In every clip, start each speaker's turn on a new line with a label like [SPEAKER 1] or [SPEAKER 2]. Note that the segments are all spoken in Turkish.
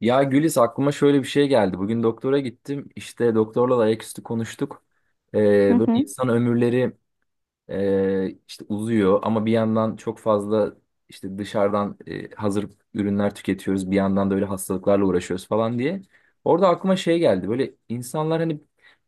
[SPEAKER 1] Ya Gülis, aklıma şöyle bir şey geldi. Bugün doktora gittim. İşte doktorla da ayaküstü konuştuk.
[SPEAKER 2] Hı
[SPEAKER 1] Ee, böyle
[SPEAKER 2] hı.
[SPEAKER 1] insan ömürleri işte uzuyor ama bir yandan çok fazla işte dışarıdan hazır ürünler tüketiyoruz. Bir yandan da öyle hastalıklarla uğraşıyoruz falan diye. Orada aklıma şey geldi. Böyle insanlar hani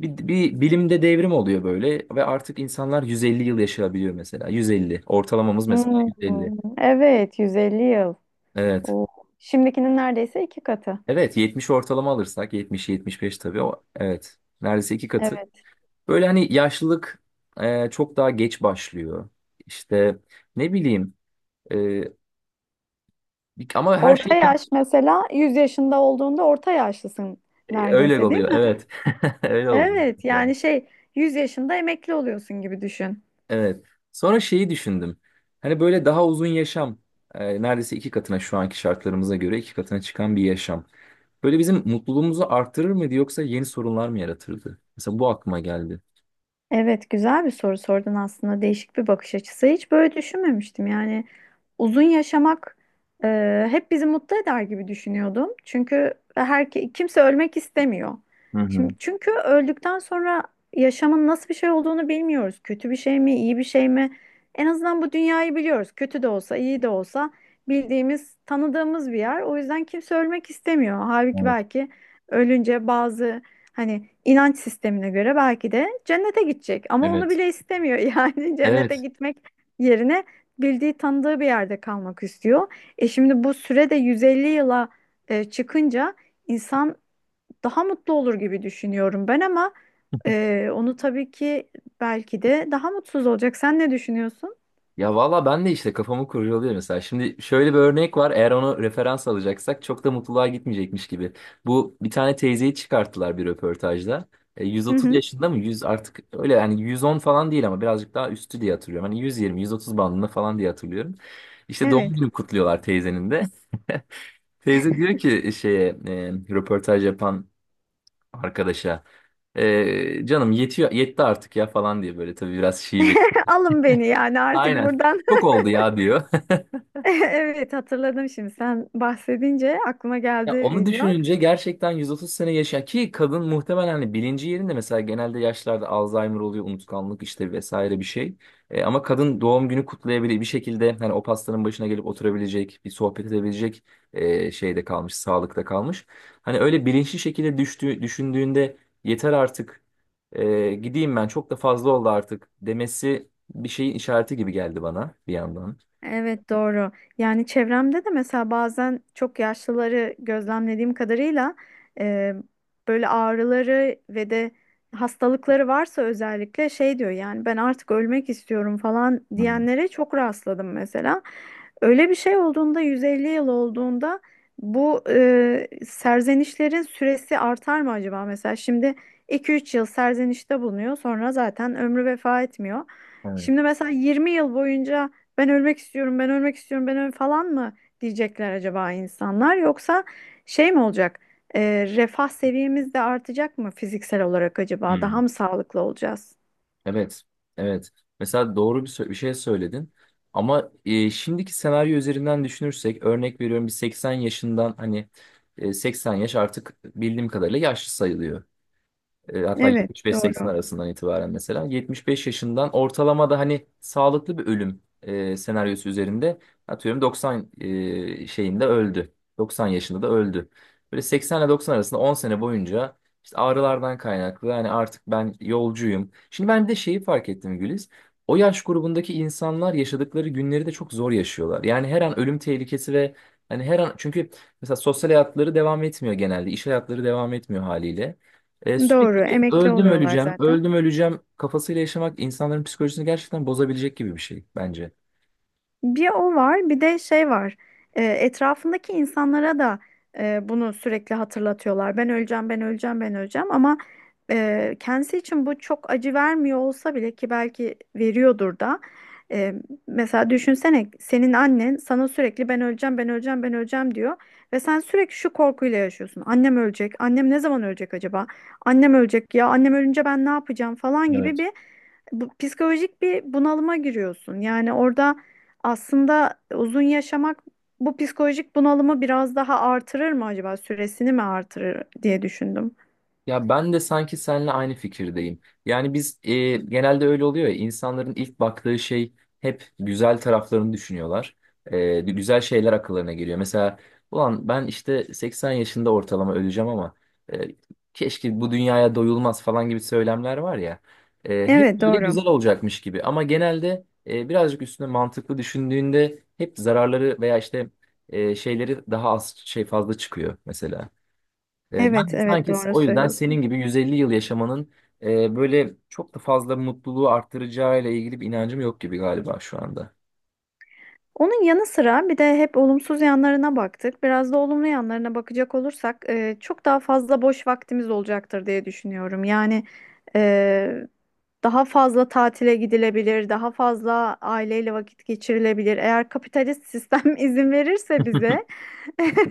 [SPEAKER 1] bir bilimde devrim oluyor böyle ve artık insanlar 150 yıl yaşayabiliyor mesela. 150. Ortalamamız mesela
[SPEAKER 2] Hmm,
[SPEAKER 1] 150.
[SPEAKER 2] evet, 150 yıl.
[SPEAKER 1] Evet.
[SPEAKER 2] Oo. Şimdikinin neredeyse iki katı.
[SPEAKER 1] Evet, 70 ortalama alırsak 70-75, tabii o, evet, neredeyse iki katı.
[SPEAKER 2] Evet.
[SPEAKER 1] Böyle hani yaşlılık çok daha geç başlıyor. İşte ne bileyim, e, ama her
[SPEAKER 2] Orta
[SPEAKER 1] şey tabii-
[SPEAKER 2] yaş mesela 100 yaşında olduğunda orta yaşlısın
[SPEAKER 1] Öyle
[SPEAKER 2] neredeyse, değil
[SPEAKER 1] oluyor,
[SPEAKER 2] mi?
[SPEAKER 1] evet. Öyle oluyor.
[SPEAKER 2] Evet, yani şey, 100 yaşında emekli oluyorsun gibi düşün.
[SPEAKER 1] Evet, sonra şeyi düşündüm, hani böyle daha uzun yaşam, neredeyse iki katına, şu anki şartlarımıza göre iki katına çıkan bir yaşam. Böyle bizim mutluluğumuzu artırır mıydı, yoksa yeni sorunlar mı yaratırdı? Mesela bu aklıma geldi.
[SPEAKER 2] Evet, güzel bir soru sordun aslında. Değişik bir bakış açısı. Hiç böyle düşünmemiştim. Yani uzun yaşamak hep bizi mutlu eder gibi düşünüyordum. Çünkü her kimse ölmek istemiyor.
[SPEAKER 1] Hı
[SPEAKER 2] Şimdi
[SPEAKER 1] hı.
[SPEAKER 2] çünkü öldükten sonra yaşamın nasıl bir şey olduğunu bilmiyoruz. Kötü bir şey mi, iyi bir şey mi? En azından bu dünyayı biliyoruz. Kötü de olsa, iyi de olsa bildiğimiz, tanıdığımız bir yer. O yüzden kimse ölmek istemiyor. Halbuki
[SPEAKER 1] Evet.
[SPEAKER 2] belki ölünce bazı, hani inanç sistemine göre belki de cennete gidecek ama onu
[SPEAKER 1] Evet.
[SPEAKER 2] bile istemiyor. Yani cennete
[SPEAKER 1] Evet.
[SPEAKER 2] gitmek yerine bildiği tanıdığı bir yerde kalmak istiyor. E şimdi bu süre de 150 yıla çıkınca insan daha mutlu olur gibi düşünüyorum ben ama onu tabii ki belki de daha mutsuz olacak. Sen ne düşünüyorsun?
[SPEAKER 1] Ya valla ben de işte kafamı kurcalıyor mesela. Şimdi şöyle bir örnek var. Eğer onu referans alacaksak, çok da mutluluğa gitmeyecekmiş gibi. Bu bir tane teyzeyi çıkarttılar bir röportajda.
[SPEAKER 2] Hı
[SPEAKER 1] 130
[SPEAKER 2] hı,
[SPEAKER 1] yaşında mı? 100, artık öyle yani 110 falan değil ama birazcık daha üstü diye hatırlıyorum. Hani 120, 130 bandında falan diye hatırlıyorum. İşte doğum
[SPEAKER 2] evet.
[SPEAKER 1] günü kutluyorlar teyzenin de. Teyze diyor ki şeye, röportaj yapan arkadaşa, canım yetiyor, yetti artık ya falan diye, böyle tabii biraz şive.
[SPEAKER 2] Alın beni yani artık
[SPEAKER 1] Aynen.
[SPEAKER 2] buradan.
[SPEAKER 1] Çok oldu ya diyor.
[SPEAKER 2] Evet, hatırladım şimdi sen bahsedince aklıma
[SPEAKER 1] Ya
[SPEAKER 2] geldi
[SPEAKER 1] onu
[SPEAKER 2] video.
[SPEAKER 1] düşününce, gerçekten 130 sene yaşa ki, kadın muhtemelen hani bilinci yerinde, mesela genelde yaşlarda Alzheimer oluyor, unutkanlık işte vesaire bir şey. Ama kadın doğum günü kutlayabilir bir şekilde, hani o pastanın başına gelip oturabilecek, bir sohbet edebilecek şeyde kalmış, sağlıkta kalmış. Hani öyle bilinçli şekilde düşündüğünde, yeter artık, gideyim ben, çok da fazla oldu artık demesi, bir şeyin işareti gibi geldi bana bir yandan.
[SPEAKER 2] Evet, doğru. Yani çevremde de mesela bazen çok yaşlıları gözlemlediğim kadarıyla e, böyle ağrıları ve de hastalıkları varsa özellikle şey diyor, yani ben artık ölmek istiyorum falan
[SPEAKER 1] Hmm.
[SPEAKER 2] diyenlere çok rastladım mesela. Öyle bir şey olduğunda 150 yıl olduğunda bu serzenişlerin süresi artar mı acaba mesela? Şimdi iki üç yıl serzenişte bulunuyor, sonra zaten ömrü vefa etmiyor.
[SPEAKER 1] Evet.
[SPEAKER 2] Şimdi mesela 20 yıl boyunca ben ölmek istiyorum, ben ölmek istiyorum, ben öl falan mı diyecekler acaba insanlar? Yoksa şey mi olacak? Ee, Refah seviyemiz de artacak mı fiziksel olarak acaba?
[SPEAKER 1] Hmm.
[SPEAKER 2] Daha mı sağlıklı olacağız?
[SPEAKER 1] Evet, evet. Mesela doğru bir şey söyledin. Ama şimdiki senaryo üzerinden düşünürsek, örnek veriyorum, bir 80 yaşından hani, 80 yaş artık bildiğim kadarıyla yaşlı sayılıyor. Hatta
[SPEAKER 2] Evet,
[SPEAKER 1] 75-80
[SPEAKER 2] doğru.
[SPEAKER 1] arasından itibaren, mesela 75 yaşından ortalama da hani sağlıklı bir ölüm senaryosu üzerinde, atıyorum 90 şeyinde öldü. 90 yaşında da öldü. Böyle 80 ile 90 arasında 10 sene boyunca işte ağrılardan kaynaklı, yani artık ben yolcuyum. Şimdi ben bir de şeyi fark ettim Güliz. O yaş grubundaki insanlar yaşadıkları günleri de çok zor yaşıyorlar. Yani her an ölüm tehlikesi ve, hani her an, çünkü mesela sosyal hayatları devam etmiyor genelde. İş hayatları devam etmiyor haliyle. Sürekli
[SPEAKER 2] Doğru,
[SPEAKER 1] işte
[SPEAKER 2] emekli
[SPEAKER 1] öldüm
[SPEAKER 2] oluyorlar
[SPEAKER 1] öleceğim,
[SPEAKER 2] zaten.
[SPEAKER 1] öldüm öleceğim kafasıyla yaşamak insanların psikolojisini gerçekten bozabilecek gibi bir şey bence.
[SPEAKER 2] Bir o var, bir de şey var. Etrafındaki insanlara da bunu sürekli hatırlatıyorlar. Ben öleceğim, ben öleceğim, ben öleceğim. Ama kendisi için bu çok acı vermiyor olsa bile ki belki veriyordur da. E, Mesela düşünsene, senin annen sana sürekli ben öleceğim, ben öleceğim, ben öleceğim diyor. Ve sen sürekli şu korkuyla yaşıyorsun. Annem ölecek, annem ne zaman ölecek acaba? Annem ölecek ya, annem ölünce ben ne yapacağım falan gibi bu, psikolojik bir bunalıma giriyorsun. Yani orada aslında uzun yaşamak bu psikolojik bunalımı biraz daha artırır mı acaba? Süresini mi artırır diye düşündüm.
[SPEAKER 1] Ya ben de sanki seninle aynı fikirdeyim. Yani biz, genelde öyle oluyor ya, insanların ilk baktığı şey, hep güzel taraflarını düşünüyorlar. Güzel şeyler akıllarına geliyor. Mesela ulan ben işte 80 yaşında ortalama öleceğim ama, e, keşke bu dünyaya doyulmaz falan gibi söylemler var ya. Hep
[SPEAKER 2] Evet,
[SPEAKER 1] böyle
[SPEAKER 2] doğru.
[SPEAKER 1] güzel olacakmış gibi ama genelde birazcık üstüne mantıklı düşündüğünde hep zararları veya işte şeyleri daha az, şey fazla çıkıyor mesela. Ben
[SPEAKER 2] Evet,
[SPEAKER 1] de
[SPEAKER 2] evet,
[SPEAKER 1] sanki
[SPEAKER 2] doğru
[SPEAKER 1] o yüzden senin
[SPEAKER 2] söylüyorsun.
[SPEAKER 1] gibi 150 yıl yaşamanın böyle çok da fazla mutluluğu arttıracağıyla ilgili bir inancım yok gibi galiba şu anda.
[SPEAKER 2] Onun yanı sıra bir de hep olumsuz yanlarına baktık. Biraz da olumlu yanlarına bakacak olursak çok daha fazla boş vaktimiz olacaktır diye düşünüyorum. Yani e, daha fazla tatile gidilebilir, daha fazla aileyle vakit geçirilebilir. Eğer kapitalist sistem izin verirse bize.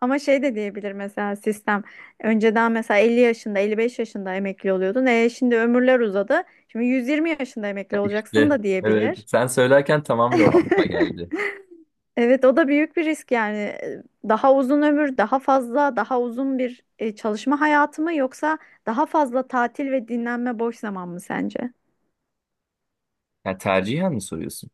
[SPEAKER 2] Ama şey de diyebilir mesela sistem. Önceden mesela 50 yaşında, 55 yaşında emekli oluyordun. E şimdi ömürler uzadı. Şimdi 120 yaşında emekli olacaksın
[SPEAKER 1] De,
[SPEAKER 2] da
[SPEAKER 1] evet,
[SPEAKER 2] diyebilir.
[SPEAKER 1] sen söylerken tamamıyla o aklıma geldi.
[SPEAKER 2] Evet, o da büyük bir risk yani. Daha uzun ömür, daha fazla, daha uzun bir çalışma hayatı mı, yoksa daha fazla tatil ve dinlenme, boş zaman mı sence?
[SPEAKER 1] Yani tercihen mi soruyorsun?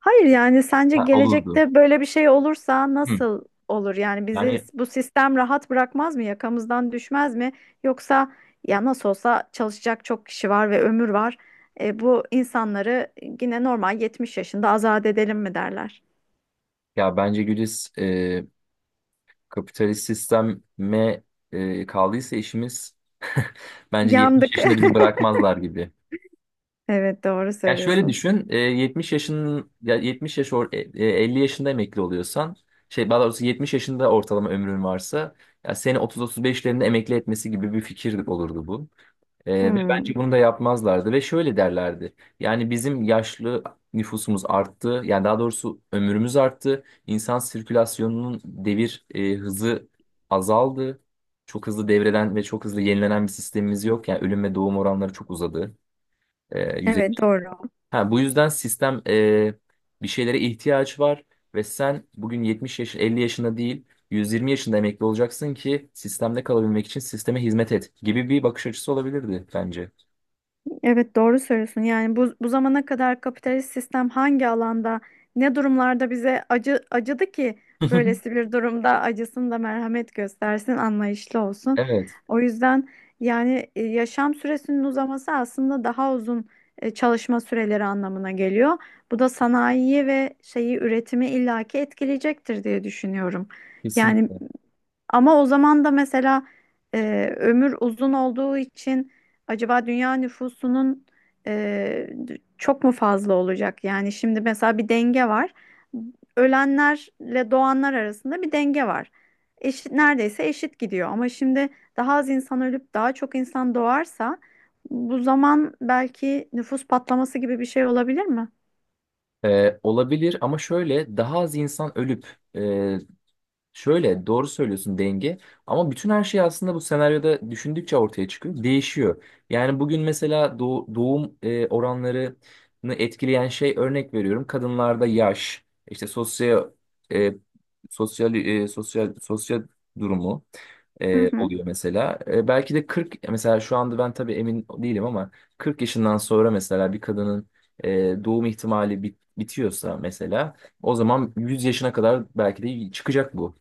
[SPEAKER 2] Hayır, yani sence
[SPEAKER 1] Ha, olurdu.
[SPEAKER 2] gelecekte böyle bir şey olursa
[SPEAKER 1] Hı.
[SPEAKER 2] nasıl olur? Yani bizi
[SPEAKER 1] Yani,
[SPEAKER 2] bu sistem rahat bırakmaz mı? Yakamızdan düşmez mi? Yoksa ya nasıl olsa çalışacak çok kişi var ve ömür var. Bu insanları yine normal 70 yaşında azat edelim mi derler?
[SPEAKER 1] ya bence Güliz, kapitalist sisteme kaldıysa işimiz, bence 70
[SPEAKER 2] Yandık.
[SPEAKER 1] yaşında bizi bırakmazlar gibi.
[SPEAKER 2] Evet, doğru
[SPEAKER 1] Ya şöyle
[SPEAKER 2] söylüyorsun.
[SPEAKER 1] düşün, 70 yaşın, ya 70 yaş 50 yaşında emekli oluyorsan, şey, daha doğrusu 70 yaşında ortalama ömrün varsa, ya seni 30-35'lerinde emekli etmesi gibi bir fikir olurdu bu. Ve bence
[SPEAKER 2] Hmm.
[SPEAKER 1] bunu da yapmazlardı ve şöyle derlerdi. Yani bizim yaşlı nüfusumuz arttı, yani daha doğrusu ömrümüz arttı. İnsan sirkülasyonunun devir hızı azaldı. Çok hızlı devreden ve çok hızlı yenilenen bir sistemimiz yok. Yani ölüm ve doğum oranları çok uzadı. E,
[SPEAKER 2] Evet, doğru.
[SPEAKER 1] Ha, bu yüzden sistem, bir şeylere ihtiyaç var ve sen bugün 70 yaş, 50 yaşında değil, 120 yaşında emekli olacaksın ki sistemde kalabilmek için sisteme hizmet et gibi bir bakış açısı olabilirdi bence.
[SPEAKER 2] Evet, doğru söylüyorsun. Yani bu zamana kadar kapitalist sistem hangi alanda, ne durumlarda bize acı acıdı ki böylesi bir durumda acısın da merhamet göstersin, anlayışlı olsun.
[SPEAKER 1] Evet,
[SPEAKER 2] O yüzden yani yaşam süresinin uzaması aslında daha uzun çalışma süreleri anlamına geliyor. Bu da sanayiyi ve şeyi üretimi illaki etkileyecektir diye düşünüyorum. Yani
[SPEAKER 1] kesinlikle.
[SPEAKER 2] ama o zaman da mesela e, ömür uzun olduğu için acaba dünya nüfusunun e, çok mu fazla olacak? Yani şimdi mesela bir denge var. Ölenlerle doğanlar arasında bir denge var. Eşit, neredeyse eşit gidiyor. Ama şimdi daha az insan ölüp daha çok insan doğarsa bu zaman belki nüfus patlaması gibi bir şey olabilir mi?
[SPEAKER 1] Olabilir ama, şöyle daha az insan ölüp e, şöyle, doğru söylüyorsun, denge, ama bütün her şey aslında bu senaryoda düşündükçe ortaya çıkıyor, değişiyor. Yani bugün mesela doğum oranlarını etkileyen şey, örnek veriyorum, kadınlarda yaş, işte sosyal e, sosyal durumu
[SPEAKER 2] Hı hı.
[SPEAKER 1] oluyor mesela. Belki de 40, mesela şu anda ben tabii emin değilim ama, 40 yaşından sonra mesela bir kadının e, doğum ihtimali bitiyorsa mesela, o zaman 100 yaşına kadar belki de çıkacak bu.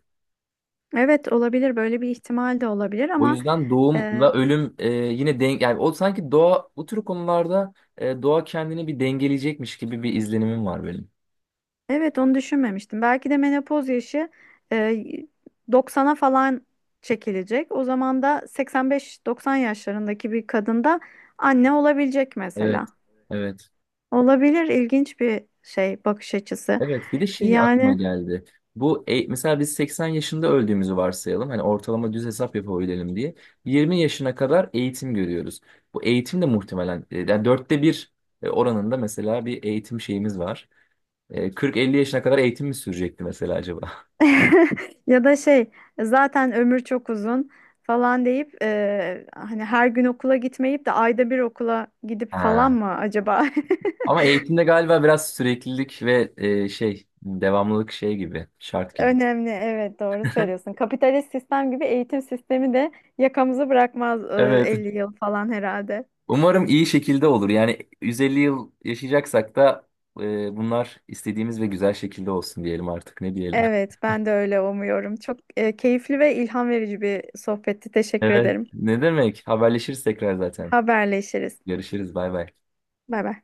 [SPEAKER 2] Evet, olabilir. Böyle bir ihtimal de olabilir
[SPEAKER 1] O
[SPEAKER 2] ama
[SPEAKER 1] yüzden
[SPEAKER 2] e,
[SPEAKER 1] doğumla ölüm yine denk, yani o sanki doğa bu tür konularda, doğa kendini bir dengeleyecekmiş gibi bir izlenimim var benim.
[SPEAKER 2] evet, onu düşünmemiştim. Belki de menopoz yaşı e, 90'a falan çekilecek. O zaman da 85-90 yaşlarındaki bir kadında anne olabilecek mesela.
[SPEAKER 1] Evet. Evet.
[SPEAKER 2] Olabilir, ilginç bir şey bakış açısı.
[SPEAKER 1] Evet, bir de şey aklıma
[SPEAKER 2] Yani
[SPEAKER 1] geldi. Bu, mesela biz 80 yaşında öldüğümüzü varsayalım. Hani ortalama düz hesap yapabilelim diye. 20 yaşına kadar eğitim görüyoruz. Bu eğitim de muhtemelen, yani dörtte bir oranında mesela bir eğitim şeyimiz var. 40-50 yaşına kadar eğitim mi sürecekti mesela acaba?
[SPEAKER 2] ya da şey, zaten ömür çok uzun falan deyip hani her gün okula gitmeyip de ayda bir okula gidip falan
[SPEAKER 1] Ha.
[SPEAKER 2] mı acaba?
[SPEAKER 1] Ama eğitimde galiba biraz süreklilik ve şey devamlılık, şey gibi, şart gibi.
[SPEAKER 2] Önemli, evet, doğru söylüyorsun. Kapitalist sistem gibi eğitim sistemi de yakamızı bırakmaz
[SPEAKER 1] Evet.
[SPEAKER 2] 50 yıl falan herhalde.
[SPEAKER 1] Umarım iyi şekilde olur. Yani 150 yıl yaşayacaksak da bunlar istediğimiz ve güzel şekilde olsun diyelim artık. Ne diyelim?
[SPEAKER 2] Evet, ben de öyle umuyorum. Çok keyifli ve ilham verici bir sohbetti. Teşekkür
[SPEAKER 1] Evet.
[SPEAKER 2] ederim.
[SPEAKER 1] Ne demek? Haberleşiriz tekrar zaten.
[SPEAKER 2] Haberleşiriz.
[SPEAKER 1] Görüşürüz. Bay bay.
[SPEAKER 2] Bay bay.